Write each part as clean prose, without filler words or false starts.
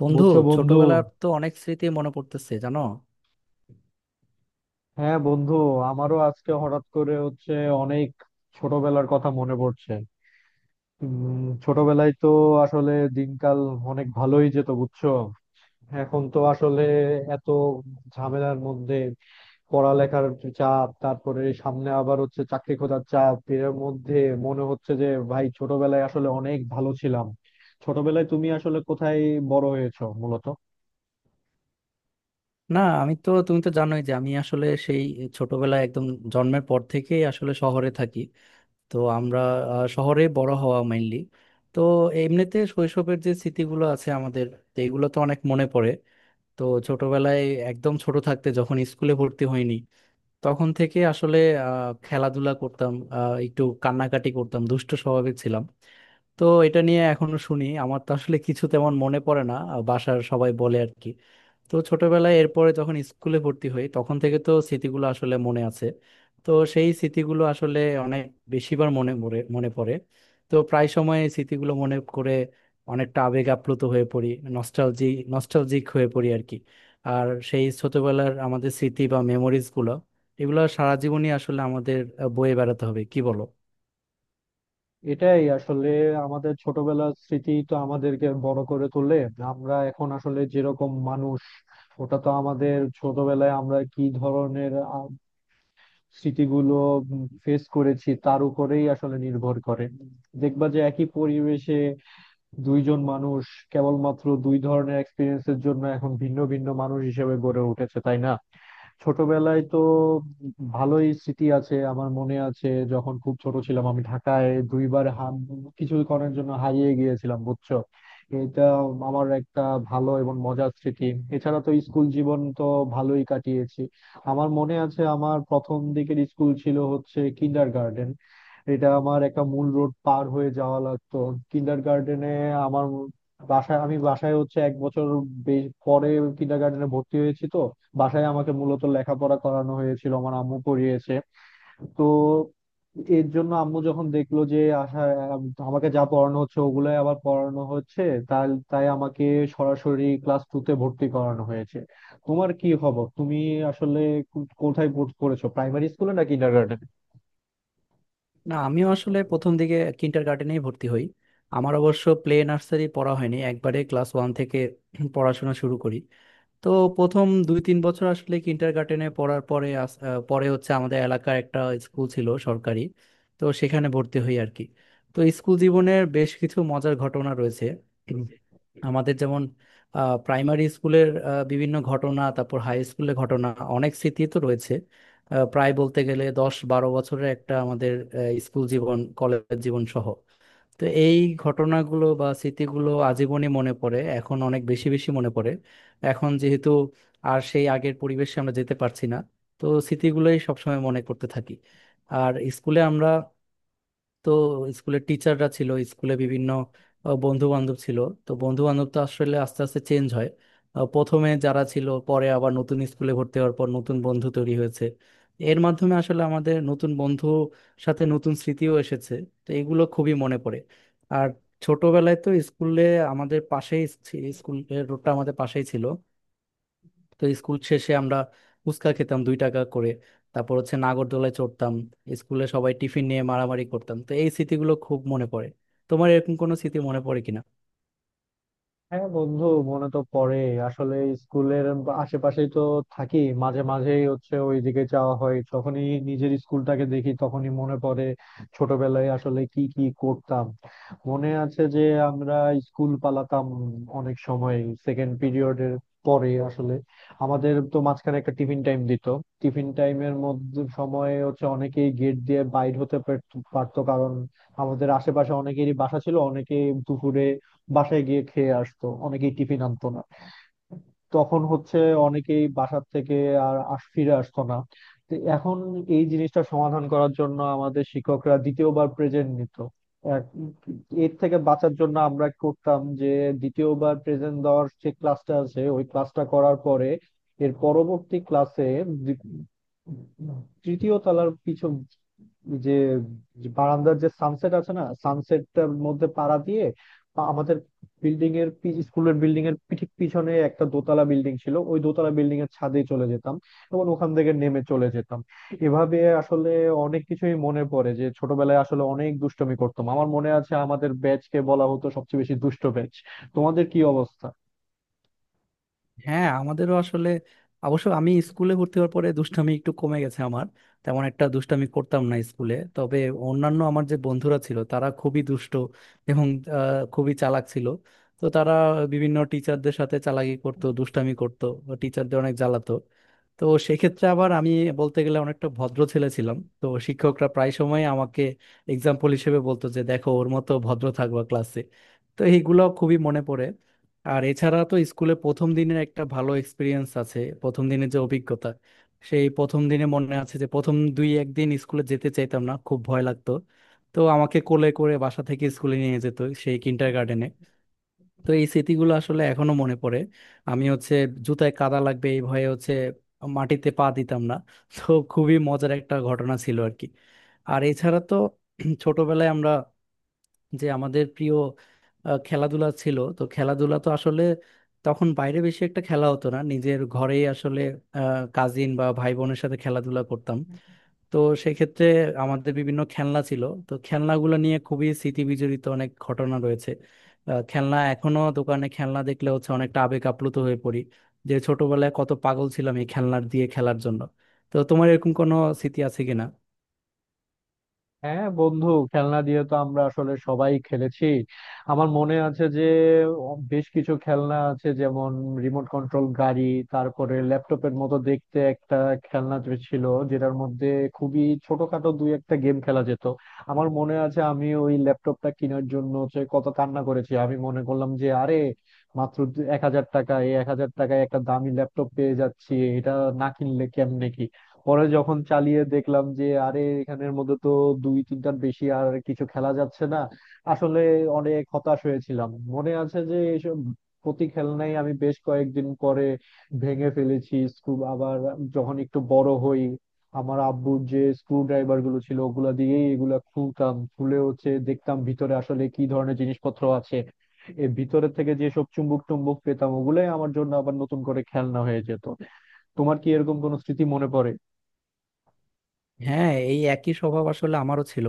বন্ধু, বুঝছো বন্ধু। ছোটবেলার তো অনেক স্মৃতি মনে পড়তেছে, জানো। হ্যাঁ বন্ধু, আমারও আজকে হঠাৎ করে হচ্ছে অনেক ছোটবেলার কথা মনে পড়ছে। ছোটবেলায় তো আসলে দিনকাল অনেক ভালোই যেত বুঝছো। এখন তো আসলে এত ঝামেলার মধ্যে পড়ালেখার চাপ, তারপরে সামনে আবার হচ্ছে চাকরি খোঁজার চাপ। এর মধ্যে মনে হচ্ছে যে ভাই ছোটবেলায় আসলে অনেক ভালো ছিলাম। ছোটবেলায় তুমি আসলে কোথায় বড় হয়েছো মূলত? না, আমি তো তুমি তো জানোই যে আমি আসলে সেই ছোটবেলায় একদম জন্মের পর থেকেই আসলে শহরে থাকি। তো আমরা শহরে বড় হওয়া মেইনলি। তো এমনিতে শৈশবের যে স্মৃতিগুলো আছে আমাদের, তো এগুলো তো অনেক মনে পড়ে। তো ছোটবেলায় একদম ছোট থাকতে যখন স্কুলে ভর্তি হইনি, তখন থেকে আসলে খেলাধুলা করতাম, একটু কান্নাকাটি করতাম, দুষ্ট স্বভাবের ছিলাম। তো এটা নিয়ে এখনো শুনি, আমার তো আসলে কিছু তেমন মনে পড়ে না, বাসার সবাই বলে আর কি। তো ছোটবেলায় এরপরে যখন স্কুলে ভর্তি হই, তখন থেকে তো স্মৃতিগুলো আসলে মনে আছে। তো সেই স্মৃতিগুলো আসলে অনেক বেশিবার মনে পড়ে। তো প্রায় সময় এই স্মৃতিগুলো মনে করে অনেকটা আবেগ আপ্লুত হয়ে পড়ি, নস্টালজি নস্টালজিক হয়ে পড়ি আর কি। আর সেই ছোটবেলার আমাদের স্মৃতি বা মেমোরিজগুলো, এগুলো সারা জীবনই আসলে আমাদের বয়ে বেড়াতে হবে, কি বলো? এটাই আসলে আমাদের ছোটবেলার স্মৃতি তো আমাদেরকে বড় করে তোলে। আমরা এখন আসলে যেরকম মানুষ, ওটা তো আমাদের ছোটবেলায় আমরা কি ধরনের স্মৃতিগুলো ফেস করেছি তার উপরেই আসলে নির্ভর করে। দেখবা যে একই পরিবেশে দুইজন মানুষ কেবলমাত্র দুই ধরনের এক্সপিরিয়েন্সের জন্য এখন ভিন্ন ভিন্ন মানুষ হিসেবে গড়ে উঠেছে, তাই না? ছোটবেলায় তো ভালোই স্মৃতি আছে। আমার মনে আছে যখন খুব ছোট ছিলাম আমি ঢাকায় দুইবার কিছুক্ষণের জন্য হারিয়ে গিয়েছিলাম বুঝছো। এটা আমার একটা ভালো এবং মজার স্মৃতি। এছাড়া তো স্কুল জীবন তো ভালোই কাটিয়েছি। আমার মনে আছে আমার প্রথম দিকের স্কুল ছিল হচ্ছে কিন্ডার গার্ডেন। এটা আমার একটা মূল রোড পার হয়ে যাওয়া লাগতো কিন্ডার গার্ডেনে। আমার বাসায়, আমি বাসায় হচ্ছে এক বছর পরে কিন্ডার গার্ডেনে ভর্তি হয়েছি। তো বাসায় আমাকে মূলত লেখাপড়া করানো হয়েছিল, আমার আম্মু পড়িয়েছে। তো এর জন্য আম্মু যখন দেখলো যে আশা, আমাকে যা পড়ানো হচ্ছে ওগুলাই আবার পড়ানো হচ্ছে, তাই তাই আমাকে সরাসরি ক্লাস টু তে ভর্তি করানো হয়েছে। তোমার কি খবর? তুমি আসলে কোথায় পড়েছো, প্রাইমারি স্কুলে না না, আমিও আসলে প্রথম দিকে কিন্ডারগার্টেনেই ভর্তি হই। আমার অবশ্য প্লে নার্সারি পড়া হয়নি, একবারে ক্লাস 1 থেকে পড়াশোনা শুরু করি। তো প্রথম 2-3 বছর আসলে কিন্ডারগার্টেনে পড়ার পরে পরে হচ্ছে আমাদের এলাকার একটা স্কুল ছিল সরকারি। তো সেখানে ভর্তি হই আর কি। তো স্কুল জীবনের বেশ কিছু মজার ঘটনা রয়েছে। উম, কিন্ডারগার্টেন? আমাদের যেমন প্রাইমারি স্কুলের বিভিন্ন ঘটনা, তারপর হাই স্কুলের ঘটনা, অনেক স্মৃতি তো রয়েছে। প্রায় বলতে গেলে 10-12 বছরের একটা আমাদের আহ, স্কুল জীবন কলেজ জীবন সহ। তো এই ঘটনাগুলো বা স্মৃতিগুলো আজীবনই মনে পড়ে, এখন অনেক বেশি বেশি মনে পড়ে। এখন যেহেতু আর সেই আগের পরিবেশে আমরা যেতে পারছি না, তো স্মৃতিগুলোই সবসময় মনে করতে থাকি। আর স্কুলে আমরা, তো স্কুলের টিচাররা ছিল, স্কুলে বিভিন্ন বন্ধু বান্ধব ছিল। তো বন্ধু বান্ধব তো আসলে আস্তে আস্তে চেঞ্জ হয়। প্রথমে যারা ছিল, পরে আবার নতুন স্কুলে ভর্তি হওয়ার পর নতুন বন্ধু তৈরি হয়েছে। এর মাধ্যমে আসলে আমাদের নতুন বন্ধু, সাথে নতুন স্মৃতিও এসেছে। তো এগুলো খুবই মনে পড়ে। আর ছোটবেলায় তো স্কুলে আমাদের পাশেই, স্কুলের রোডটা আমাদের পাশেই ছিল। তো স্কুল শেষে আমরা ফুচকা খেতাম 2 টাকা করে, তারপর হচ্ছে নাগরদোলায় চড়তাম। স্কুলে সবাই টিফিন নিয়ে মারামারি করতাম, তো এই স্মৃতিগুলো খুব মনে পড়ে। তোমার এরকম কোনো স্মৃতি মনে পড়ে কিনা? হ্যাঁ বন্ধু, মনে তো পড়ে। আসলে স্কুলের আশেপাশেই তো থাকি। মাঝে মাঝেই হচ্ছে ওইদিকে যাওয়া হয়, যখনই নিজের স্কুলটাকে দেখি তখনই মনে পড়ে ছোটবেলায় আসলে কি কি করতাম। মনে আছে যে আমরা স্কুল পালাতাম অনেক সময়। সেকেন্ড পিরিয়ডের পরে আসলে আমাদের তো মাঝখানে একটা টিফিন টাইম দিত। টিফিন টাইমের মধ্যে সময়ে হচ্ছে অনেকেই গেট দিয়ে বাইর হতে পারতো, কারণ আমাদের আশেপাশে অনেকেরই বাসা ছিল, অনেকেই দুপুরে বাসায় গিয়ে খেয়ে আসতো, অনেকেই টিফিন আনতো না। তখন হচ্ছে অনেকেই বাসার থেকে আর ফিরে আসতো না। তো এখন এই জিনিসটা সমাধান করার জন্য আমাদের শিক্ষকরা দ্বিতীয়বার প্রেজেন্ট নিত। এক- এর থেকে বাঁচার জন্য আমরা করতাম যে দ্বিতীয়বার প্রেজেন্ট দেওয়ার যে ক্লাসটা আছে ওই ক্লাসটা করার পরে, এর পরবর্তী ক্লাসে তৃতীয় তলার পিছন যে যে বারান্দার যে সানসেট আছে না, সানসেটটার মধ্যে পাড়া দিয়ে আমাদের বিল্ডিং এর স্কুলের বিল্ডিং এর ঠিক পিছনে একটা দোতলা বিল্ডিং ছিল, ওই দোতলা বিল্ডিং এর ছাদে চলে যেতাম এবং ওখান থেকে নেমে চলে যেতাম। এভাবে আসলে অনেক কিছুই মনে পড়ে যে ছোটবেলায় আসলে অনেক দুষ্টুমি করতাম। আমার মনে আছে আমাদের ব্যাচ কে বলা হতো সবচেয়ে বেশি দুষ্ট ব্যাচ। তোমাদের কি অবস্থা? হ্যাঁ, আমাদেরও আসলে, অবশ্য আমি স্কুলে ভর্তি হওয়ার পরে দুষ্টামি একটু কমে গেছে আমার, তেমন একটা দুষ্টামি করতাম না স্কুলে। তবে অন্যান্য আমার যে বন্ধুরা ছিল তারা খুবই দুষ্ট এবং আহ, খুবই চালাক ছিল। তো তারা বিভিন্ন টিচারদের সাথে চালাকি করতো, দুষ্টামি করতো, টিচারদের অনেক জ্বালাতো। তো সেক্ষেত্রে আবার আমি বলতে গেলে অনেকটা ভদ্র ছেলে ছিলাম, তো শিক্ষকরা প্রায় সময় আমাকে এক্সাম্পল হিসেবে বলতো যে দেখো, ওর মতো ভদ্র থাকবা ক্লাসে। তো এইগুলো খুবই মনে পড়ে। আর এছাড়া তো স্কুলে প্রথম দিনের একটা ভালো এক্সপিরিয়েন্স আছে, প্রথম দিনের যে অভিজ্ঞতা। সেই প্রথম দিনে মনে আছে যে প্রথম দুই একদিন স্কুলে যেতে চাইতাম না, খুব ভয় লাগতো। তো আমাকে কোলে করে বাসা থেকে স্কুলে নিয়ে যেত সেই কিন্ডার গার্ডেনে। তো এই স্মৃতিগুলো আসলে এখনো মনে পড়ে। আমি হচ্ছে জুতায় কাদা লাগবে এই ভয়ে হচ্ছে মাটিতে পা দিতাম না। তো খুবই মজার একটা ঘটনা ছিল আর কি। আর এছাড়া তো ছোটবেলায় আমরা, যে আমাদের প্রিয় খেলাধুলা ছিল, তো খেলাধুলা তো আসলে তখন বাইরে বেশি একটা খেলা হতো না, নিজের ঘরেই আসলে কাজিন বা ভাই বোনের সাথে খেলাধুলা করতাম। তো সেক্ষেত্রে আমাদের বিভিন্ন খেলনা ছিল, তো খেলনাগুলো নিয়ে খুবই স্মৃতি বিজড়িত অনেক ঘটনা রয়েছে। খেলনা এখনো দোকানে খেলনা দেখলে হচ্ছে অনেকটা আবেগ আপ্লুত হয়ে পড়ি, যে ছোটবেলায় কত পাগল ছিলাম এই খেলনার দিয়ে খেলার জন্য। তো তোমার এরকম কোনো স্মৃতি আছে কিনা? হ্যাঁ বন্ধু, খেলনা দিয়ে তো আমরা আসলে সবাই খেলেছি। আমার মনে আছে যে বেশ কিছু খেলনা আছে, যেমন রিমোট কন্ট্রোল গাড়ি, তারপরে ল্যাপটপের মতো দেখতে একটা খেলনা যে ছিল যেটার মধ্যে খুবই ছোটখাটো দুই একটা গেম খেলা যেত। আমার মনে আছে আমি ওই ল্যাপটপটা কেনার জন্য হচ্ছে কত কান্না করেছি। আমি মনে করলাম যে আরে মাত্র 1,000 টাকা, এই 1,000 টাকায় একটা দামি ল্যাপটপ পেয়ে যাচ্ছি, এটা না কিনলে কেমনে কি। পরে যখন চালিয়ে দেখলাম যে আরে এখানের মধ্যে তো দুই তিনটার বেশি আর কিছু খেলা যাচ্ছে না, আসলে অনেক হতাশ হয়েছিলাম। মনে আছে যে এইসব প্রতি খেলনাই আমি বেশ কয়েকদিন পরে ভেঙে ফেলেছি স্ক্রু। আবার যখন একটু বড় হই, আমার আব্বুর যে স্ক্রু ড্রাইভার গুলো ছিল ওগুলা দিয়েই এগুলা খুলতাম, খুলে হচ্ছে দেখতাম ভিতরে আসলে কি ধরনের জিনিসপত্র আছে। এর ভিতরে থেকে যেসব চুম্বক টুম্বক পেতাম ওগুলাই আমার জন্য আবার নতুন করে খেলনা হয়ে যেত। তোমার কি এরকম কোনো স্মৃতি মনে পড়ে? হ্যাঁ, এই একই স্বভাব আসলে আমারও ছিল।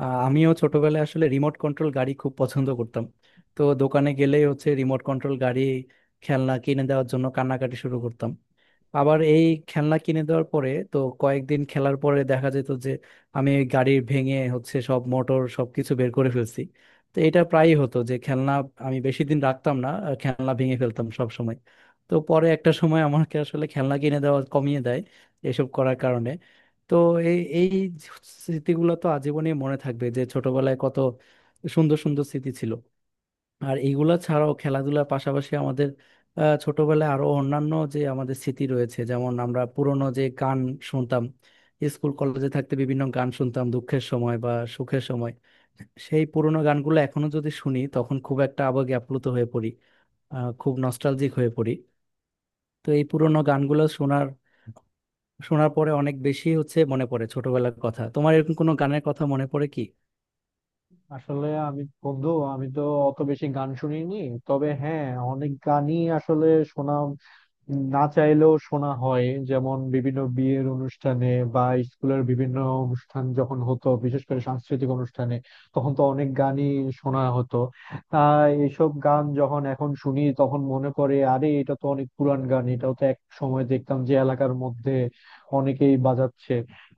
আমিও ছোটবেলায় আসলে রিমোট কন্ট্রোল গাড়ি খুব পছন্দ করতাম। তো দোকানে গেলেই হচ্ছে রিমোট কন্ট্রোল গাড়ি, খেলনা কিনে দেওয়ার জন্য কান্নাকাটি শুরু করতাম। আবার এই খেলনা কিনে দেওয়ার পরে তো কয়েকদিন খেলার পরে দেখা যেত যে আমি ওই গাড়ি ভেঙে হচ্ছে সব মোটর সবকিছু বের করে ফেলছি। তো এটা প্রায়ই হতো যে খেলনা আমি বেশি দিন রাখতাম না, আর খেলনা ভেঙে ফেলতাম সব সময়। তো পরে একটা সময় আমাকে আসলে খেলনা কিনে দেওয়া কমিয়ে দেয় এসব করার কারণে। তো এই এই স্মৃতিগুলো তো আজীবনই মনে থাকবে, যে ছোটবেলায় কত সুন্দর সুন্দর স্মৃতি ছিল। আর এইগুলা ছাড়াও খেলাধুলার পাশাপাশি আমাদের ছোটবেলায় আরো অন্যান্য যে আমাদের স্মৃতি রয়েছে, যেমন আমরা পুরনো যে গান শুনতাম। স্কুল কলেজে থাকতে বিভিন্ন গান শুনতাম দুঃখের সময় বা সুখের সময়। সেই পুরোনো গানগুলো এখনো যদি শুনি তখন খুব একটা আবেগে আপ্লুত হয়ে পড়ি, খুব নস্টালজিক হয়ে পড়ি। তো এই পুরোনো গানগুলো শোনার শোনার পরে অনেক বেশি হচ্ছে মনে পড়ে ছোটবেলার কথা। তোমার এরকম কোনো গানের কথা মনে পড়ে কি? আসলে আমি বন্ধু, আমি তো অত বেশি গান শুনিনি। তবে হ্যাঁ, অনেক গানই আসলে শোনা, না চাইলেও শোনা হয়। যেমন বিভিন্ন বিয়ের অনুষ্ঠানে বা স্কুলের বিভিন্ন অনুষ্ঠান যখন হতো, বিশেষ করে সাংস্কৃতিক অনুষ্ঠানে তখন তো অনেক গানই শোনা হতো। তা এইসব গান যখন এখন শুনি তখন মনে পড়ে আরে এটা তো অনেক পুরান গান, এটাও তো এক সময় দেখতাম যে এলাকার মধ্যে অনেকেই বাজাচ্ছে।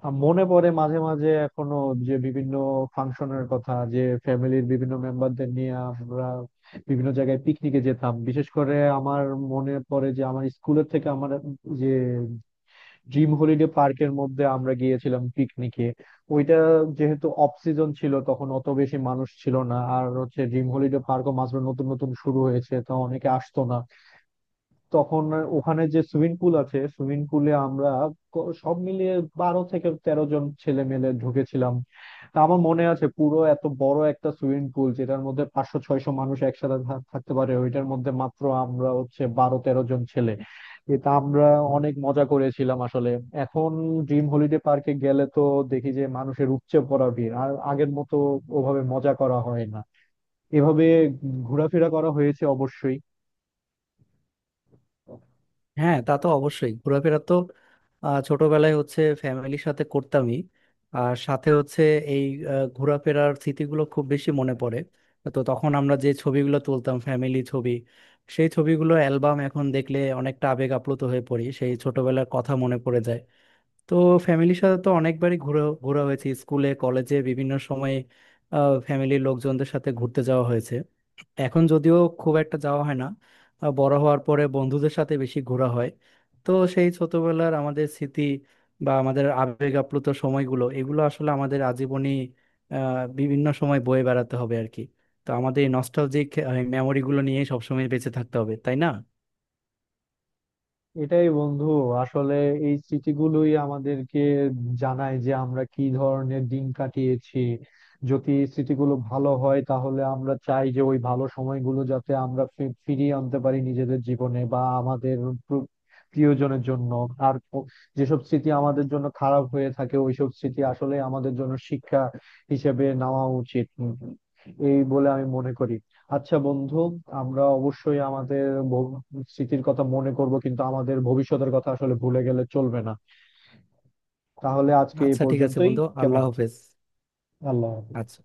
মনে পড়ে মাঝে মাঝে এখনো যে বিভিন্ন ফাংশনের কথা, যে ফ্যামিলির বিভিন্ন মেম্বারদের নিয়ে আমরা বিভিন্ন জায়গায় পিকনিকে যেতাম। বিশেষ করে আমার মনে পড়ে যে আমার স্কুলের থেকে, আমার যে ড্রিম হলিডে পার্কের মধ্যে আমরা গিয়েছিলাম পিকনিকে। ওইটা যেহেতু অফ সিজন ছিল তখন অত বেশি মানুষ ছিল না, আর হচ্ছে ড্রিম হলিডে পার্কও মাত্র নতুন নতুন শুরু হয়েছে, তো অনেকে আসতো না তখন। ওখানে যে সুইমিং পুল আছে, সুইমিং পুলে আমরা সব মিলিয়ে 12 থেকে 13 জন ছেলে মেলে ঢুকেছিলাম। তা আমার মনে আছে পুরো এত বড় একটা সুইমিং পুল যেটার মধ্যে 500 600 মানুষ একসাথে থাকতে পারে, ওইটার মধ্যে মাত্র আমরা হচ্ছে 12 13 জন ছেলে। এটা আমরা অনেক মজা করেছিলাম আসলে। এখন ড্রিম হলিডে পার্কে গেলে তো দেখি যে মানুষের উপচে পড়া ভিড়, আর আগের মতো ওভাবে মজা করা হয় না। এভাবে ঘোরাফেরা করা হয়েছে অবশ্যই। হ্যাঁ, তা তো অবশ্যই, ঘোরাফেরা তো ছোটবেলায় হচ্ছে ফ্যামিলির সাথে করতামই। আর সাথে হচ্ছে এই ঘোরাফেরার স্মৃতিগুলো খুব বেশি মনে পড়ে। তো তখন আমরা যে ছবিগুলো তুলতাম, ফ্যামিলি ছবি, সেই ছবিগুলো অ্যালবাম এখন দেখলে অনেকটা আবেগ আপ্লুত হয়ে পড়ি, সেই ছোটবেলার কথা মনে পড়ে যায়। তো ফ্যামিলির সাথে তো অনেকবারই ঘোরা ঘোরা হয়েছে, স্কুলে কলেজে বিভিন্ন সময়ে ফ্যামিলির লোকজনদের সাথে ঘুরতে যাওয়া হয়েছে। এখন যদিও খুব একটা যাওয়া হয় না, বড় হওয়ার পরে বন্ধুদের সাথে বেশি ঘোরা হয়। তো সেই ছোটবেলার আমাদের স্মৃতি বা আমাদের আবেগ আপ্লুত সময়গুলো, এগুলো আসলে আমাদের আজীবনই বিভিন্ন সময় বয়ে বেড়াতে হবে আর কি। তো আমাদের এই নস্টালজিক মেমোরিগুলো নিয়েই সবসময় বেঁচে থাকতে হবে, তাই না? এটাই বন্ধু, আসলে এই স্মৃতিগুলোই আমাদেরকে জানায় যে আমরা কি ধরনের দিন কাটিয়েছি। যদি স্মৃতিগুলো ভালো হয় তাহলে আমরা চাই যে ওই ভালো সময়গুলো যাতে আমরা ফিরিয়ে আনতে পারি নিজেদের জীবনে বা আমাদের প্র- প্রিয়জনের জন্য। আর যেসব স্মৃতি আমাদের জন্য খারাপ হয়ে থাকে ওইসব স্মৃতি আসলে আমাদের জন্য শিক্ষা হিসেবে নেওয়া উচিত, এই বলে আমি মনে করি। আচ্ছা বন্ধু, আমরা অবশ্যই আমাদের ভব- স্মৃতির কথা মনে করব, কিন্তু আমাদের ভবিষ্যতের কথা আসলে ভুলে গেলে চলবে না। তাহলে আজকে এই আচ্ছা, ঠিক আছে পর্যন্তই, বন্ধু, কেমন? আল্লাহ হাফেজ। আল্লাহ হাফেজ। আচ্ছা।